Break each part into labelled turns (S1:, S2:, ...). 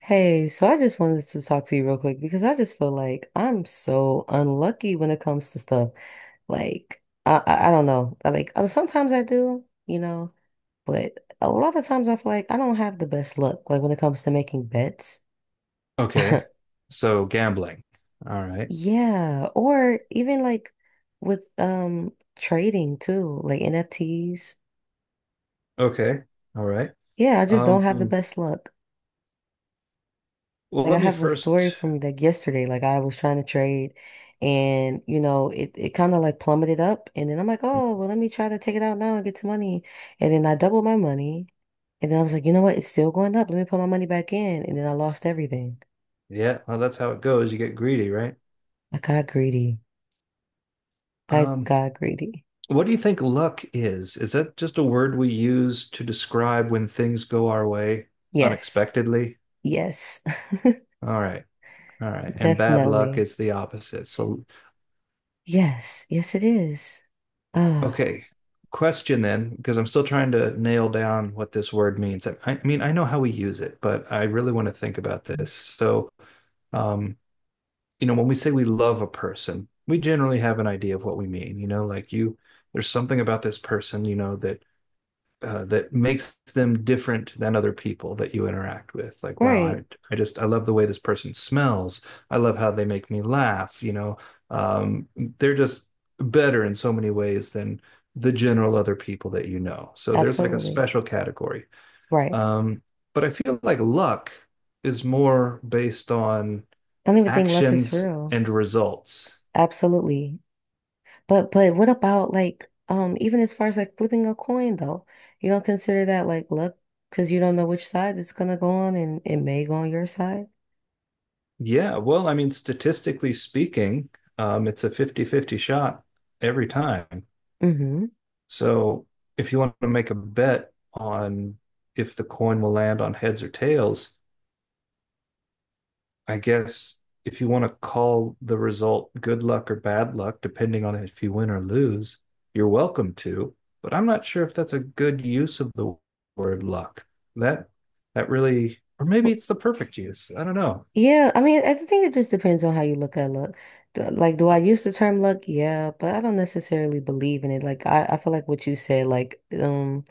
S1: Hey, so I just wanted to talk to you real quick because I just feel like I'm so unlucky when it comes to stuff. Like, I don't know. I, like, sometimes I do, but a lot of times I feel like I don't have the best luck. Like when it comes to making bets.
S2: Okay. So gambling. All right.
S1: Yeah, or even like with trading too, like NFTs.
S2: Okay. All right.
S1: Yeah, I just don't have the
S2: Um,
S1: best luck.
S2: well,
S1: Like I
S2: let me
S1: have a story
S2: first.
S1: from like yesterday. Like I was trying to trade, and it kind of like plummeted up, and then I'm like, oh, well, let me try to take it out now and get some money. And then I doubled my money. And then I was like, you know what? It's still going up. Let me put my money back in. And then I lost everything.
S2: Yeah, well, that's how it goes. You get greedy, right?
S1: I got greedy. I
S2: Um,
S1: got greedy.
S2: what do you think luck is? Is that just a word we use to describe when things go our way
S1: Yes.
S2: unexpectedly?
S1: Yes.
S2: All right. All right. And bad luck
S1: Definitely.
S2: is the opposite. So,
S1: Yes. Yes, it is. Ah,
S2: okay. Question then, because I'm still trying to nail down what this word means. I mean, I know how we use it, but I really want to think about this. So, um, you know, when we say we love a person, we generally have an idea of what we mean. You know, like you, there's something about this person, you know, that that makes them different than other people that you interact with. Like, wow,
S1: right.
S2: I just I love the way this person smells. I love how they make me laugh. You know, um, they're just better in so many ways than the general other people that you know. So there's like a
S1: Absolutely.
S2: special category.
S1: Right.
S2: Um, but I feel like luck is more based on
S1: I don't even think luck is
S2: actions
S1: real.
S2: and results.
S1: Absolutely. But what about, like, even as far as like flipping a coin though? You don't consider that like luck, because you don't know which side it's gonna go on, and it may go on your side?
S2: Yeah, well, I mean, statistically speaking, it's a 50-50 shot every time.
S1: Mm-hmm.
S2: So if you want to make a bet on if the coin will land on heads or tails, I guess if you want to call the result good luck or bad luck, depending on if you win or lose, you're welcome to. But I'm not sure if that's a good use of the word luck. That that really, or maybe it's the perfect use. I don't know.
S1: Yeah, I mean I think it just depends on how you look at luck. Like, do I use the term luck? Yeah, but I don't necessarily believe in it. Like I feel like what you said, like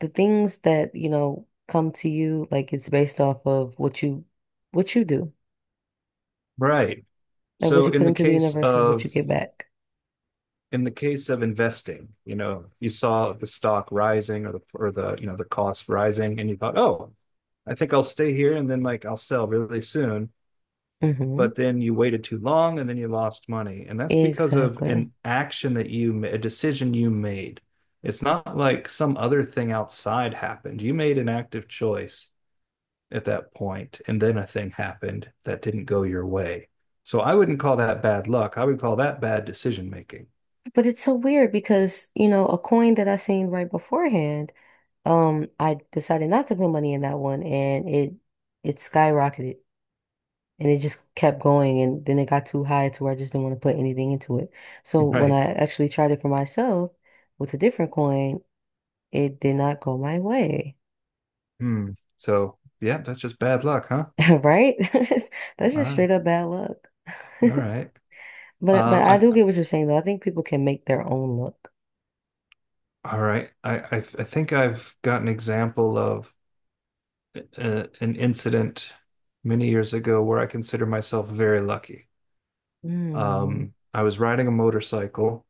S1: the things that, come to you, like it's based off of what you do.
S2: Right.
S1: Like what
S2: So
S1: you
S2: in
S1: put
S2: the
S1: into the
S2: case
S1: universe is what you
S2: of
S1: get back.
S2: in the case of investing, you know, you saw the stock rising or the you know, the cost rising and you thought, "Oh, I think I'll stay here and then like I'll sell really soon."
S1: Mm-hmm.
S2: But then you waited too long and then you lost money. And that's because of
S1: Exactly.
S2: an action that a decision you made. It's not like some other thing outside happened. You made an active choice at that point, and then a thing happened that didn't go your way. So I wouldn't call that bad luck. I would call that bad decision making.
S1: But it's so weird because, a coin that I seen right beforehand, I decided not to put money in that one, and it skyrocketed, and it just kept going, and then it got too high to where I just didn't want to put anything into it. So when
S2: Right.
S1: I actually tried it for myself with a different coin, it did not go my way.
S2: Hmm. So yeah, that's just bad luck, huh?
S1: Right? That's just
S2: Ah,
S1: straight up bad luck.
S2: all right.
S1: But I
S2: Uh,
S1: do
S2: I,
S1: get what you're saying though. I think people can make their own luck.
S2: all right. I think I've got an example of an incident many years ago where I consider myself very lucky.
S1: Mm.
S2: I was riding a motorcycle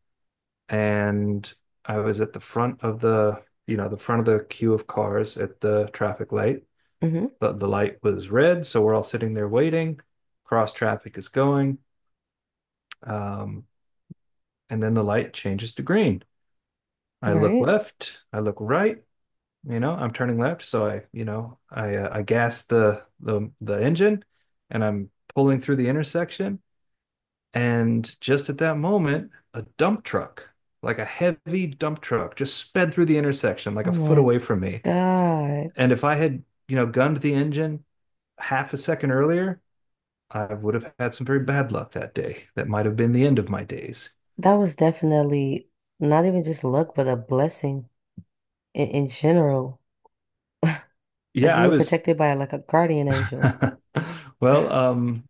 S2: and I was at the front of the, you know, the front of the queue of cars at the traffic light.
S1: hmm
S2: The light was red, so we're all sitting there waiting. Cross traffic is going, um, and then the light changes to green. I look
S1: Right?
S2: left, I look right. You know, I'm turning left, so I, you know, I gas the engine, and I'm pulling through the intersection. And just at that moment, a dump truck, like a heavy dump truck, just sped through the intersection like a
S1: Oh
S2: foot
S1: my
S2: away from me.
S1: God.
S2: And if I had, you know, gunned the engine half a second earlier, I would have had some very bad luck that day. That might have been the end of my days.
S1: That was definitely not even just luck, but a blessing in general. Like
S2: Yeah,
S1: you
S2: I
S1: were
S2: was.
S1: protected by like a guardian angel.
S2: well, um,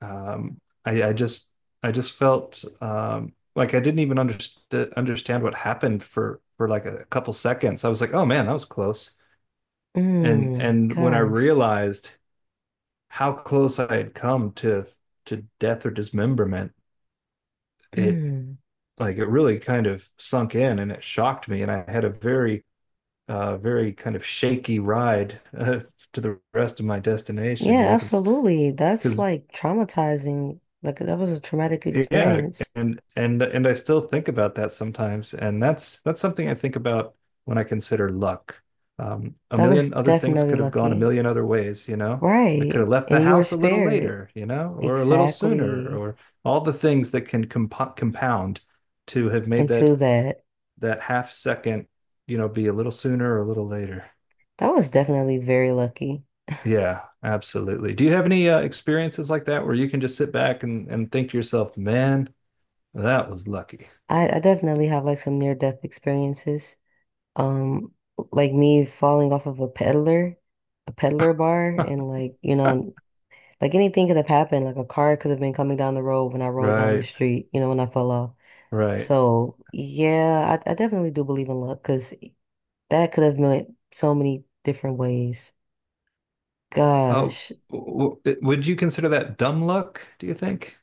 S2: um, I, I just, I just felt like I didn't even understand what happened for like a couple seconds. I was like, oh man, that was close. and
S1: Mm,
S2: and when I
S1: gosh.
S2: realized how close I had come to death or dismemberment, it
S1: Mm.
S2: like it really kind of sunk in and it shocked me, and I had a very very kind of shaky ride to the rest of my destination, you
S1: Yeah,
S2: know,
S1: absolutely. That's
S2: because
S1: like traumatizing. Like that was a traumatic
S2: yeah.
S1: experience.
S2: And I still think about that sometimes, and that's something I think about when I consider luck. A
S1: That was
S2: million other things
S1: definitely
S2: could have gone a
S1: lucky.
S2: million other ways, you know. I could have
S1: Right.
S2: left the
S1: And you were
S2: house a little
S1: spared.
S2: later, you know, or a little sooner,
S1: Exactly.
S2: or all the things that can compound to have made
S1: Into that.
S2: that half second, you know, be a little sooner or a little later.
S1: That was definitely very lucky.
S2: Yeah, absolutely. Do you have any experiences like that where you can just sit back and think to yourself, "Man, that was lucky."
S1: I definitely have like some near-death experiences. Um, like me falling off of a peddler bar, and, like, like anything could have happened. Like a car could have been coming down the road when I rolled down the
S2: Right,
S1: street, when I fell off.
S2: right.
S1: So yeah, I definitely do believe in luck, because that could have meant so many different ways.
S2: Oh,
S1: Gosh.
S2: would you consider that dumb luck, do you think?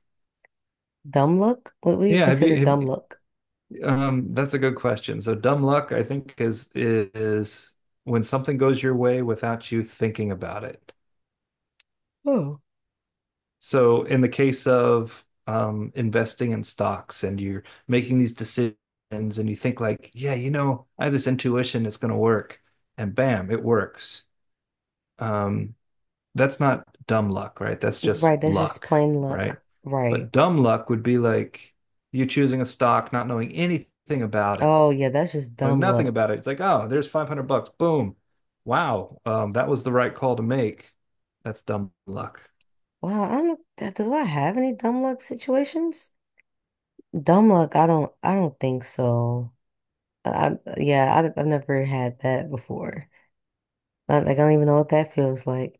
S1: Dumb luck? What would you
S2: Yeah, have
S1: consider
S2: you have
S1: dumb luck?
S2: that's a good question. So dumb luck, I think is when something goes your way without you thinking about it.
S1: Oh.
S2: So in the case of investing in stocks and you're making these decisions and you think like, yeah, you know, I have this intuition it's going to work and bam, it works. Um that's not dumb luck, right? That's just
S1: Right, that's just
S2: luck,
S1: plain
S2: right?
S1: luck.
S2: But
S1: Right.
S2: dumb luck would be like you choosing a stock, not knowing anything about it,
S1: Oh yeah, that's just
S2: knowing
S1: dumb
S2: nothing
S1: luck.
S2: about it. It's like, oh, there's 500 bucks. Boom. Wow. That was the right call to make. That's dumb luck.
S1: Wow, I don't, do I have any dumb luck situations? Dumb luck, I don't think so. Yeah, I've never had that before. Like I don't even know what that feels like.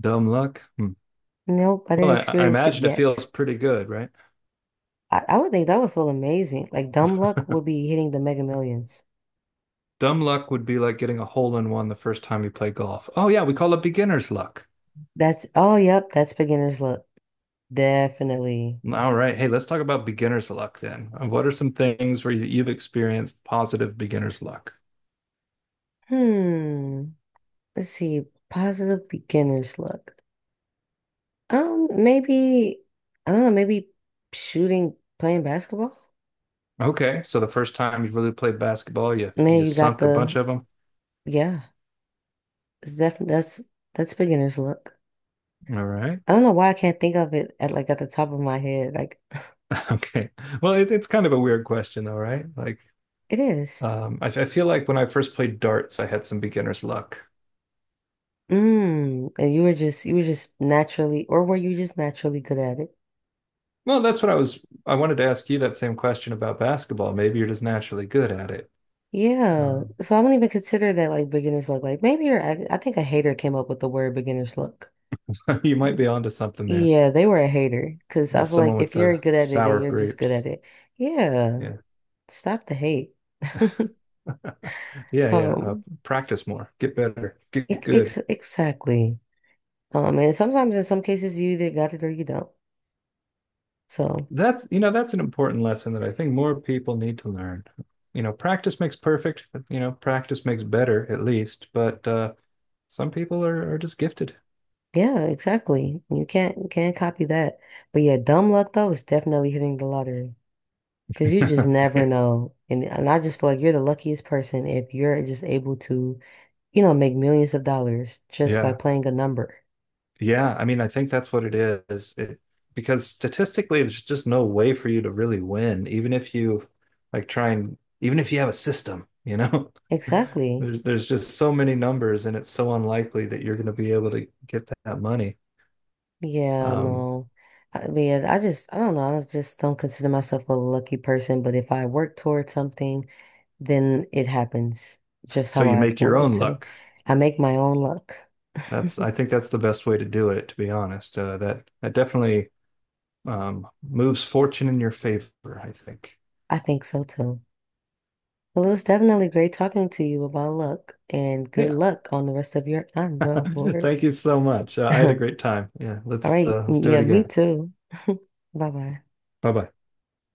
S2: Dumb luck. Hmm.
S1: Nope, I
S2: Well,
S1: didn't
S2: I
S1: experience it
S2: imagine it
S1: yet.
S2: feels pretty good, right?
S1: I would think that would feel amazing. Like dumb luck would be hitting the Mega Millions.
S2: Dumb luck would be like getting a hole in one the first time you play golf. Oh, yeah, we call it beginner's luck.
S1: That's, oh yep, that's beginner's luck. Definitely.
S2: All right. Hey, let's talk about beginner's luck then. What are some things where you've experienced positive beginner's luck?
S1: Hmm. Let's see. Positive beginner's luck. Maybe I don't know, maybe shooting, playing basketball.
S2: Okay, so the first time you really played basketball,
S1: And then
S2: you
S1: you got
S2: sunk a
S1: the
S2: bunch of them.
S1: yeah. It's definitely that's beginner's look.
S2: All right.
S1: I don't know why I can't think of it at the top of my head. Like
S2: Okay. Well, it's kind of a weird question though, right? Like,
S1: it is.
S2: I feel like when I first played darts, I had some beginner's luck.
S1: Mm. And you were just naturally, or were you just naturally good at it?
S2: Well, that's what I was. I wanted to ask you that same question about basketball. Maybe you're just naturally good at it.
S1: Yeah.
S2: Um,
S1: So I don't even consider that like beginner's look. I think a hater came up with the word beginner's look.
S2: you might be onto something there.
S1: Yeah, they were a hater, because
S2: Yeah,
S1: I feel like
S2: someone with
S1: if you're
S2: the
S1: good at it then
S2: sour
S1: you're just good
S2: grapes.
S1: at it. Yeah.
S2: Yeah.
S1: Stop the hate.
S2: Yeah, yeah.
S1: Um,
S2: Practice more, get better, get good.
S1: exactly. And sometimes in some cases you either got it or you don't. So
S2: That's, you know, that's an important lesson that I think more people need to learn. You know, practice makes perfect, but, you know, practice makes better at least, but some people are just gifted.
S1: yeah, exactly. You can't copy that. But yeah, dumb luck though is definitely hitting the lottery, because you just never know. And I just feel like you're the luckiest person if you're just able to, make millions of dollars just by
S2: Yeah.
S1: playing a number.
S2: Yeah, I mean, I think that's what it is. It because statistically, there's just no way for you to really win, even if you like try and even if you have a system, you know.
S1: Exactly.
S2: There's just so many numbers, and it's so unlikely that you're going to be able to get that money.
S1: Yeah,
S2: Um,
S1: no. I mean, I don't know. I just don't consider myself a lucky person, but if I work towards something, then it happens just
S2: so
S1: how
S2: you
S1: I
S2: make your
S1: want it
S2: own
S1: to.
S2: luck.
S1: I make my own luck.
S2: That's I think that's the best way to do it, to be honest. That that definitely moves fortune in your favor, I think.
S1: I think so too. Well, it was definitely great talking to you about luck, and good
S2: Yeah.
S1: luck on the rest of your
S2: Thank you
S1: endeavors.
S2: so much. I had a
S1: All
S2: great time. Yeah,
S1: right.
S2: let's do
S1: Yeah,
S2: it
S1: me
S2: again.
S1: too. Bye bye.
S2: Bye bye.